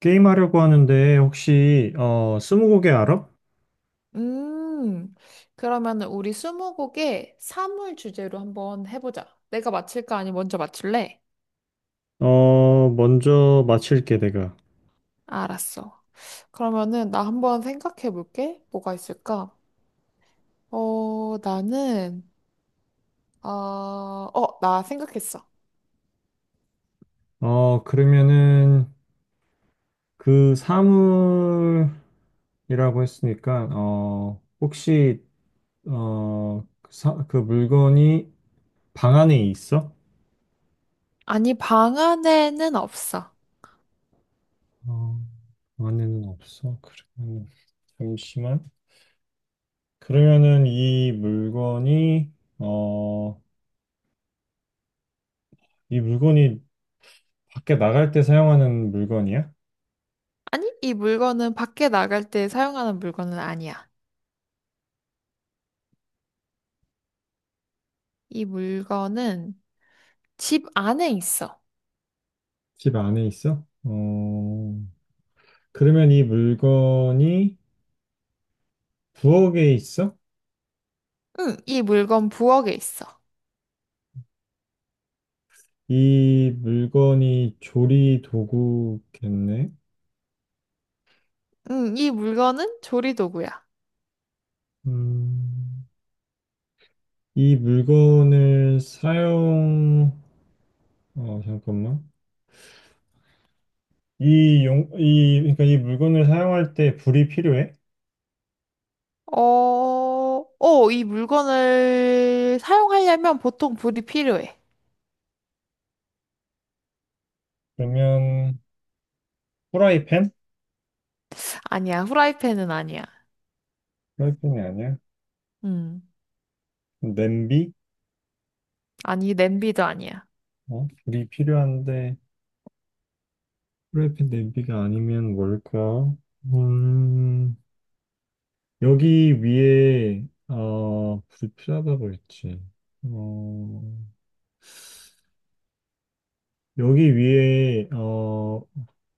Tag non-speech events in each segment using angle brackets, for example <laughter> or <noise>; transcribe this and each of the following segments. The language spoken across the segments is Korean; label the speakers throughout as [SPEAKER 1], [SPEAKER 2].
[SPEAKER 1] 게임하려고 하는데 혹시 스무고개 알아?
[SPEAKER 2] 음, 그러면은 우리 스무고개 사물 주제로 한번 해보자. 내가 맞힐까? 아니, 먼저 맞출래?
[SPEAKER 1] 먼저 맞힐게 내가.
[SPEAKER 2] 알았어. 그러면은 나 한번 생각해 볼게. 뭐가 있을까? 어, 나는, 나 생각했어.
[SPEAKER 1] 그러면은 그 사물이라고 했으니까 혹시 어그 사 그 물건이 방 안에 있어?
[SPEAKER 2] 아니, 방 안에는 없어.
[SPEAKER 1] 어, 방 안에는 없어. 그러면 잠시만. 그러면은 어 이 물건이 밖에 나갈 때 사용하는 물건이야?
[SPEAKER 2] 아니, 이 물건은 밖에 나갈 때 사용하는 물건은 아니야. 이 물건은 집 안에 있어.
[SPEAKER 1] 집 안에 있어? 어, 그러면 이 물건이 부엌에 있어?
[SPEAKER 2] 응, 이 물건 부엌에 있어.
[SPEAKER 1] 이 물건이 조리 도구겠네?
[SPEAKER 2] 응, 이 물건은 조리도구야.
[SPEAKER 1] 음, 이 물건을 사용, 잠깐만. 그러니까 이 물건을 사용할 때 불이 필요해?
[SPEAKER 2] 어, 이 물건을 사용하려면 보통 불이 필요해.
[SPEAKER 1] 그러면, 프라이팬?
[SPEAKER 2] 아니야, 후라이팬은 아니야.
[SPEAKER 1] 프라이팬이 아니야.
[SPEAKER 2] 음,
[SPEAKER 1] 냄비?
[SPEAKER 2] 아니, 냄비도 아니야.
[SPEAKER 1] 어, 불이 필요한데, 프라이팬 냄비가 아니면 뭘까? 음, 여기 위에 불이 필요하다고 했지. 어 여기 위에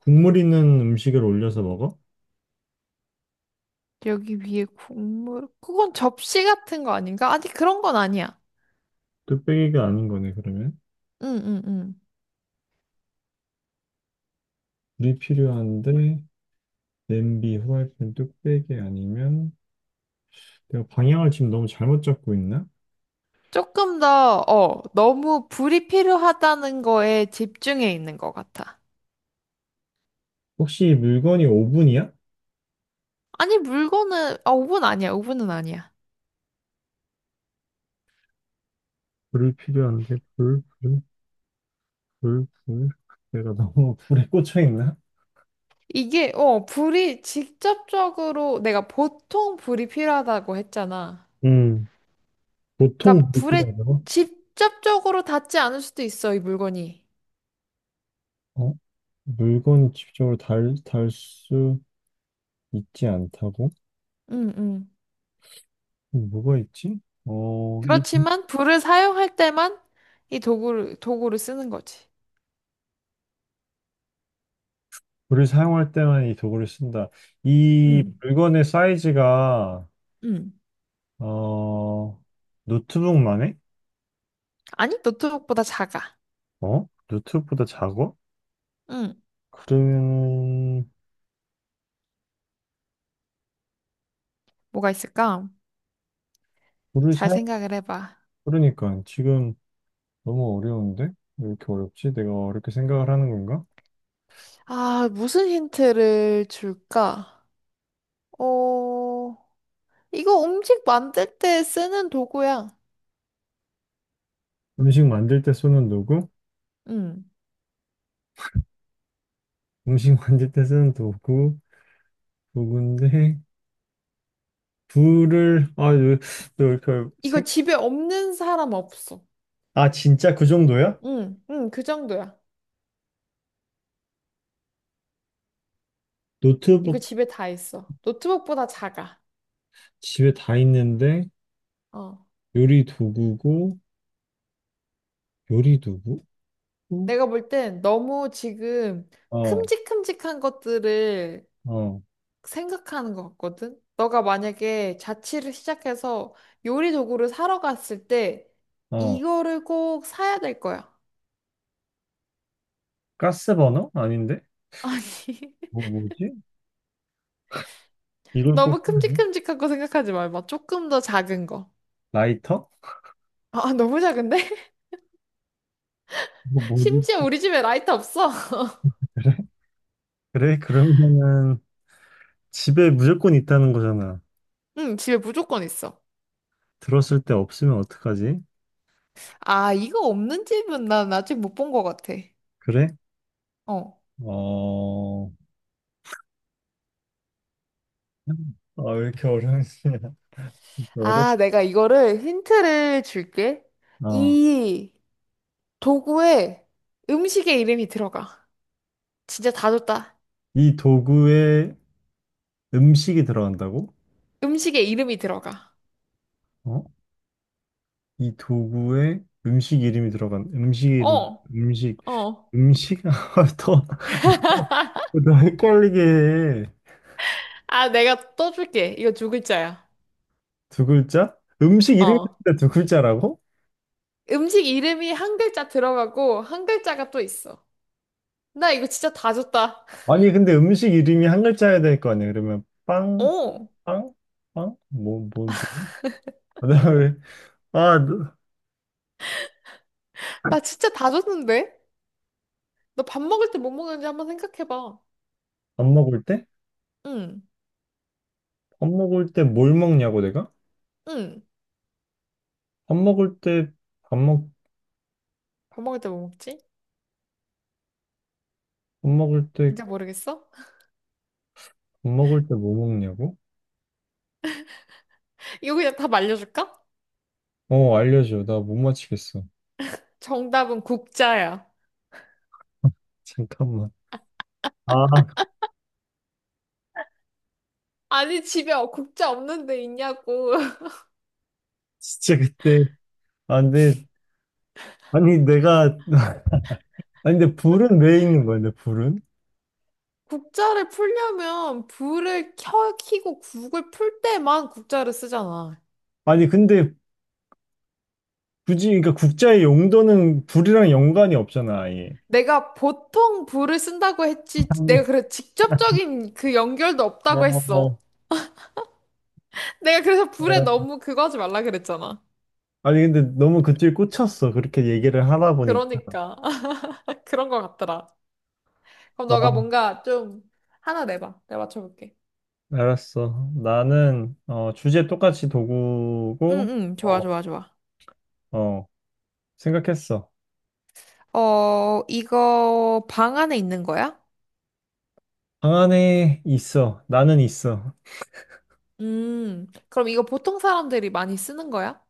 [SPEAKER 1] 국물 있는 음식을 올려서 먹어?
[SPEAKER 2] 여기 위에 국물, 그건 접시 같은 거 아닌가? 아니, 그런 건 아니야.
[SPEAKER 1] 뚝배기가 아닌 거네 그러면.
[SPEAKER 2] 응, 응, 응.
[SPEAKER 1] 불이 필요한데 냄비, 후라이팬, 뚝배기 아니면 내가 방향을 지금 너무 잘못 잡고 있나?
[SPEAKER 2] 조금 더, 너무 불이 필요하다는 거에 집중해 있는 것 같아.
[SPEAKER 1] 혹시 물건이 오븐이야?
[SPEAKER 2] 아니, 물건은, 오븐 아니야, 오븐은 아니야.
[SPEAKER 1] 불이 필요한데 불, 불, 불, 불. 내가 너무 <laughs> 불에 꽂혀 있나?
[SPEAKER 2] 이게, 불이 직접적으로, 내가 보통 불이 필요하다고 했잖아.
[SPEAKER 1] 음 보통
[SPEAKER 2] 그러니까
[SPEAKER 1] 불이
[SPEAKER 2] 불에
[SPEAKER 1] 필요하다고?
[SPEAKER 2] 직접적으로 닿지 않을 수도 있어, 이 물건이.
[SPEAKER 1] 물건이 접적으로 달 수 있지 않다고?
[SPEAKER 2] 응, 응.
[SPEAKER 1] 뭐가 있지? 이
[SPEAKER 2] 그렇지만 불을 사용할 때만 이 도구를, 도구를 쓰는 거지.
[SPEAKER 1] 물을 사용할 때만 이 도구를 쓴다. 이
[SPEAKER 2] 응,
[SPEAKER 1] 물건의 사이즈가,
[SPEAKER 2] 응.
[SPEAKER 1] 어, 노트북만 해?
[SPEAKER 2] 아니, 노트북보다 작아.
[SPEAKER 1] 어? 노트북보다 작아?
[SPEAKER 2] 응.
[SPEAKER 1] 그러면,
[SPEAKER 2] 뭐가 있을까?
[SPEAKER 1] 물을
[SPEAKER 2] 잘
[SPEAKER 1] 사용,
[SPEAKER 2] 생각을 해봐.
[SPEAKER 1] 그러니까 지금 너무 어려운데? 왜 이렇게 어렵지? 내가 어렵게 생각을 하는 건가?
[SPEAKER 2] 아, 무슨 힌트를 줄까? 어, 이거 음식 만들 때 쓰는 도구야.
[SPEAKER 1] 음식 만들 때 쓰는 도구?
[SPEAKER 2] 응.
[SPEAKER 1] 음식 <laughs> 만들 때 쓰는 도구? 도구인데, 불을 너 이렇게
[SPEAKER 2] 이거
[SPEAKER 1] 생...
[SPEAKER 2] 집에 없는 사람 없어.
[SPEAKER 1] 아, 진짜 그 정도야?
[SPEAKER 2] 응, 응, 그 정도야. 이거
[SPEAKER 1] 노트북
[SPEAKER 2] 집에 다 있어. 노트북보다 작아.
[SPEAKER 1] 집에 다 있는데
[SPEAKER 2] 어.
[SPEAKER 1] 요리 도구고 요리 도구?
[SPEAKER 2] 내가 볼 땐 너무 지금
[SPEAKER 1] 어,
[SPEAKER 2] 큼직큼직한 것들을
[SPEAKER 1] 어,
[SPEAKER 2] 생각하는 것 같거든? 너가 만약에 자취를 시작해서 요리 도구를 사러 갔을 때
[SPEAKER 1] 어.
[SPEAKER 2] 이거를 꼭 사야 될 거야.
[SPEAKER 1] 가스 버너? 아닌데?
[SPEAKER 2] <laughs> 아니,
[SPEAKER 1] 뭐지? 이걸
[SPEAKER 2] 너무
[SPEAKER 1] 꼭 필요해?
[SPEAKER 2] 큼직큼직한 거 생각하지 말고 조금 더 작은 거.
[SPEAKER 1] 라이터?
[SPEAKER 2] 아, 너무 작은데?
[SPEAKER 1] 뭐
[SPEAKER 2] <laughs>
[SPEAKER 1] 뭐지?
[SPEAKER 2] 심지어 우리 집에 라이터 없어. <laughs>
[SPEAKER 1] 그래? 그래? 그러면은 집에 무조건 있다는 거잖아.
[SPEAKER 2] 응, 집에 무조건 있어.
[SPEAKER 1] 들었을 때 없으면 어떡하지?
[SPEAKER 2] 아, 이거 없는 집은 난 아직 못 본 것 같아.
[SPEAKER 1] 그래?
[SPEAKER 2] 어.
[SPEAKER 1] 어. 아, 왜 이렇게 어려운지. <laughs> 어렵...
[SPEAKER 2] 아, 내가 이거를 힌트를 줄게.
[SPEAKER 1] 어.
[SPEAKER 2] 이 도구에 음식의 이름이 들어가. 진짜 다 줬다.
[SPEAKER 1] 이 도구에 음식이 들어간다고?
[SPEAKER 2] 음식의 이름이 들어가.
[SPEAKER 1] 어? 이 도구에 음식 이름이 들어간 음식 이름
[SPEAKER 2] 어,
[SPEAKER 1] 음식
[SPEAKER 2] 어.
[SPEAKER 1] 음식 <laughs> 더더 헷갈리게 해.
[SPEAKER 2] 아, 내가 또 줄게. 이거 두 글자야.
[SPEAKER 1] 두 글자? 음식 이름이 들어
[SPEAKER 2] 어.
[SPEAKER 1] 간다 두 글자라고?
[SPEAKER 2] 음식 이름이 한 글자 들어가고 한 글자가 또 있어. 나 이거 진짜 다 줬다.
[SPEAKER 1] 아니 근데 음식 이름이 한 글자여야 될 거 아니야? 그러면
[SPEAKER 2] <laughs>
[SPEAKER 1] 빵,
[SPEAKER 2] 어.
[SPEAKER 1] 빵, 빵? 뭐, 뭐, 뭐. 그다음에 아, 너-
[SPEAKER 2] 나 진짜 다 줬는데? 너 밥 먹을 때 뭐 먹는지 한번 생각해봐.
[SPEAKER 1] 밥 먹을 때?
[SPEAKER 2] 응,
[SPEAKER 1] 밥 먹을 때 뭘 먹냐고 내가?
[SPEAKER 2] 응.
[SPEAKER 1] 밥 먹을 때 밥 먹,
[SPEAKER 2] 밥 먹을 때 뭐 먹지?
[SPEAKER 1] 밥 먹을 때
[SPEAKER 2] 진짜 모르겠어?
[SPEAKER 1] 밥 먹을 때 뭐 먹냐고?
[SPEAKER 2] <laughs> 이거 그냥 다 말려줄까?
[SPEAKER 1] 어, 알려줘. 나 못 맞히겠어.
[SPEAKER 2] 정답은 국자야.
[SPEAKER 1] 잠깐만. 아, 아,
[SPEAKER 2] 아니, 집에 국자 없는데 있냐고. <laughs>
[SPEAKER 1] 진짜 그때. 아, 근데, 아니, 내가, <laughs> 아니, 근데 불은 왜 있는 거야, 근데 불은?
[SPEAKER 2] 국자를 풀려면 불을 켜, 켜고 국을 풀 때만 국자를 쓰잖아.
[SPEAKER 1] 아니, 근데 굳이, 그러니까 국자의 용도는 불이랑 연관이 없잖아, 아예.
[SPEAKER 2] 내가 보통 불을 쓴다고 했지, 내가
[SPEAKER 1] 음,
[SPEAKER 2] 그래, 직접적인 그 연결도
[SPEAKER 1] 어,
[SPEAKER 2] 없다고
[SPEAKER 1] 어,
[SPEAKER 2] 했어. 내가 그래서 불에
[SPEAKER 1] 어,
[SPEAKER 2] 너무 그거 하지 말라 그랬잖아.
[SPEAKER 1] 아니, 근데 너무 그쪽에 꽂혔어. 그렇게 얘기를 하다 보니까.
[SPEAKER 2] 그러니까. <laughs> 그런 것 같더라. 그럼
[SPEAKER 1] 아,
[SPEAKER 2] 너가 뭔가 좀 하나 내봐. 내가 맞춰볼게.
[SPEAKER 1] 알았어. 나는, 주제 똑같이
[SPEAKER 2] 응,
[SPEAKER 1] 도구고,
[SPEAKER 2] 응, 좋아,
[SPEAKER 1] 어,
[SPEAKER 2] 좋아, 좋아.
[SPEAKER 1] 어, 생각했어.
[SPEAKER 2] 어, 이거 방 안에 있는 거야?
[SPEAKER 1] 방 안에 있어. 나는 있어.
[SPEAKER 2] 그럼 이거 보통 사람들이 많이 쓰는 거야?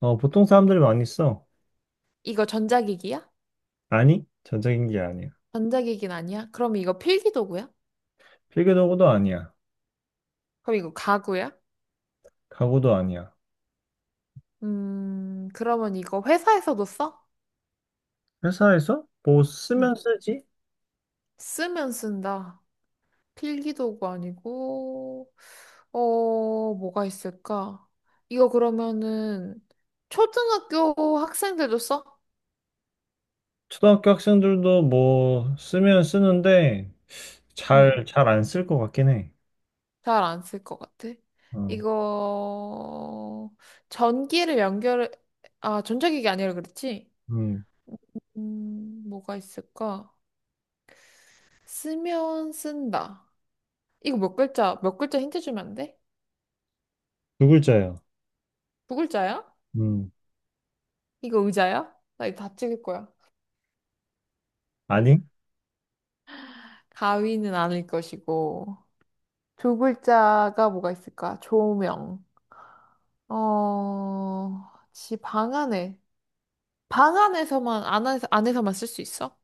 [SPEAKER 1] 어, 보통 사람들이 많이 써.
[SPEAKER 2] 이거 전자기기야?
[SPEAKER 1] 아니, 전자기기 아니야.
[SPEAKER 2] 전자기기는 아니야? 그럼 이거 필기도구야?
[SPEAKER 1] 필기도구도 아니야.
[SPEAKER 2] 그럼 이거 가구야?
[SPEAKER 1] 가구도 아니야.
[SPEAKER 2] 그러면 이거 회사에서도 써?
[SPEAKER 1] 회사에서 뭐 쓰면
[SPEAKER 2] 음,
[SPEAKER 1] 쓰지?
[SPEAKER 2] 쓰면 쓴다. 필기도구 아니고, 어, 뭐가 있을까? 이거 그러면은 초등학교 학생들도 써?
[SPEAKER 1] 초등학교 학생들도 뭐 쓰면 쓰는데
[SPEAKER 2] 음,
[SPEAKER 1] 잘 안 쓸 것 같긴 해.
[SPEAKER 2] 잘 안 쓸 것 같아.
[SPEAKER 1] 어,
[SPEAKER 2] 이거 전기를 연결, 아, 전자기기 아니라 그랬지?
[SPEAKER 1] 음,
[SPEAKER 2] 뭐가 있을까? 쓰면 쓴다. 이거 몇 글자, 몇 글자 힌트 주면 안 돼?
[SPEAKER 1] 두 글자야.
[SPEAKER 2] 두 글자야?
[SPEAKER 1] 음,
[SPEAKER 2] 이거 의자야? 나 이거 다 찍을 거야.
[SPEAKER 1] 아니?
[SPEAKER 2] 가위는 아닐 것이고. 두 글자가 뭐가 있을까? 조명. 어, 지 방 안에. 안에서만 쓸 수 있어?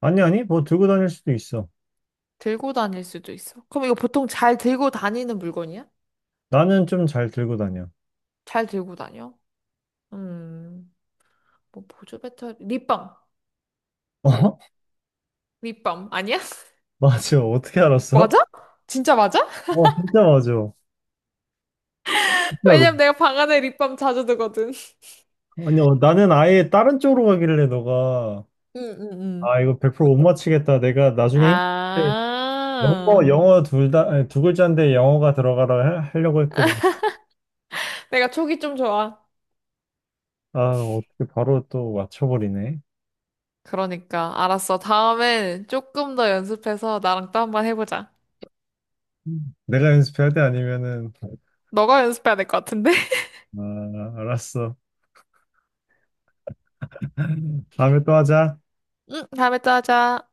[SPEAKER 1] 아니, 아니, 뭐 들고 다닐 수도 있어.
[SPEAKER 2] 들고 다닐 수도 있어. 그럼 이거 보통 잘 들고 다니는 물건이야?
[SPEAKER 1] 나는 좀 잘 들고 다녀.
[SPEAKER 2] 잘 들고 다녀? 음, 뭐 보조 배터리, 립밤.
[SPEAKER 1] 어? <laughs>
[SPEAKER 2] 립밤 아니야? <laughs>
[SPEAKER 1] 맞아. 어떻게 알았어?
[SPEAKER 2] 맞아? 진짜 맞아?
[SPEAKER 1] 어, 진짜 맞아. 진짜로.
[SPEAKER 2] 왜냐면 내가 방 안에 립밤 자주 두거든.
[SPEAKER 1] 아니, 나는 아예 다른 쪽으로 가길래 너가,
[SPEAKER 2] 응, 응,
[SPEAKER 1] 아, 이거 100%못
[SPEAKER 2] 응.
[SPEAKER 1] 맞히겠다. 내가 나중에 영어,
[SPEAKER 2] 아,
[SPEAKER 1] 영어 둘 다, 아니, 두 글자인데 영어가 들어가라 하려고 했거든.
[SPEAKER 2] 내가 촉이 좀 좋아.
[SPEAKER 1] 아, 어떻게 바로 또 맞춰버리네.
[SPEAKER 2] 그러니까, 알았어. 다음엔 조금 더 연습해서 나랑 또 한번 해보자.
[SPEAKER 1] 음. 내가 연습해야 돼? 아니면은,
[SPEAKER 2] 너가 연습해야 될 것 같은데? <laughs>
[SPEAKER 1] 아, 알았어. 다음에 또 하자.
[SPEAKER 2] 응, 다음에 또 하자.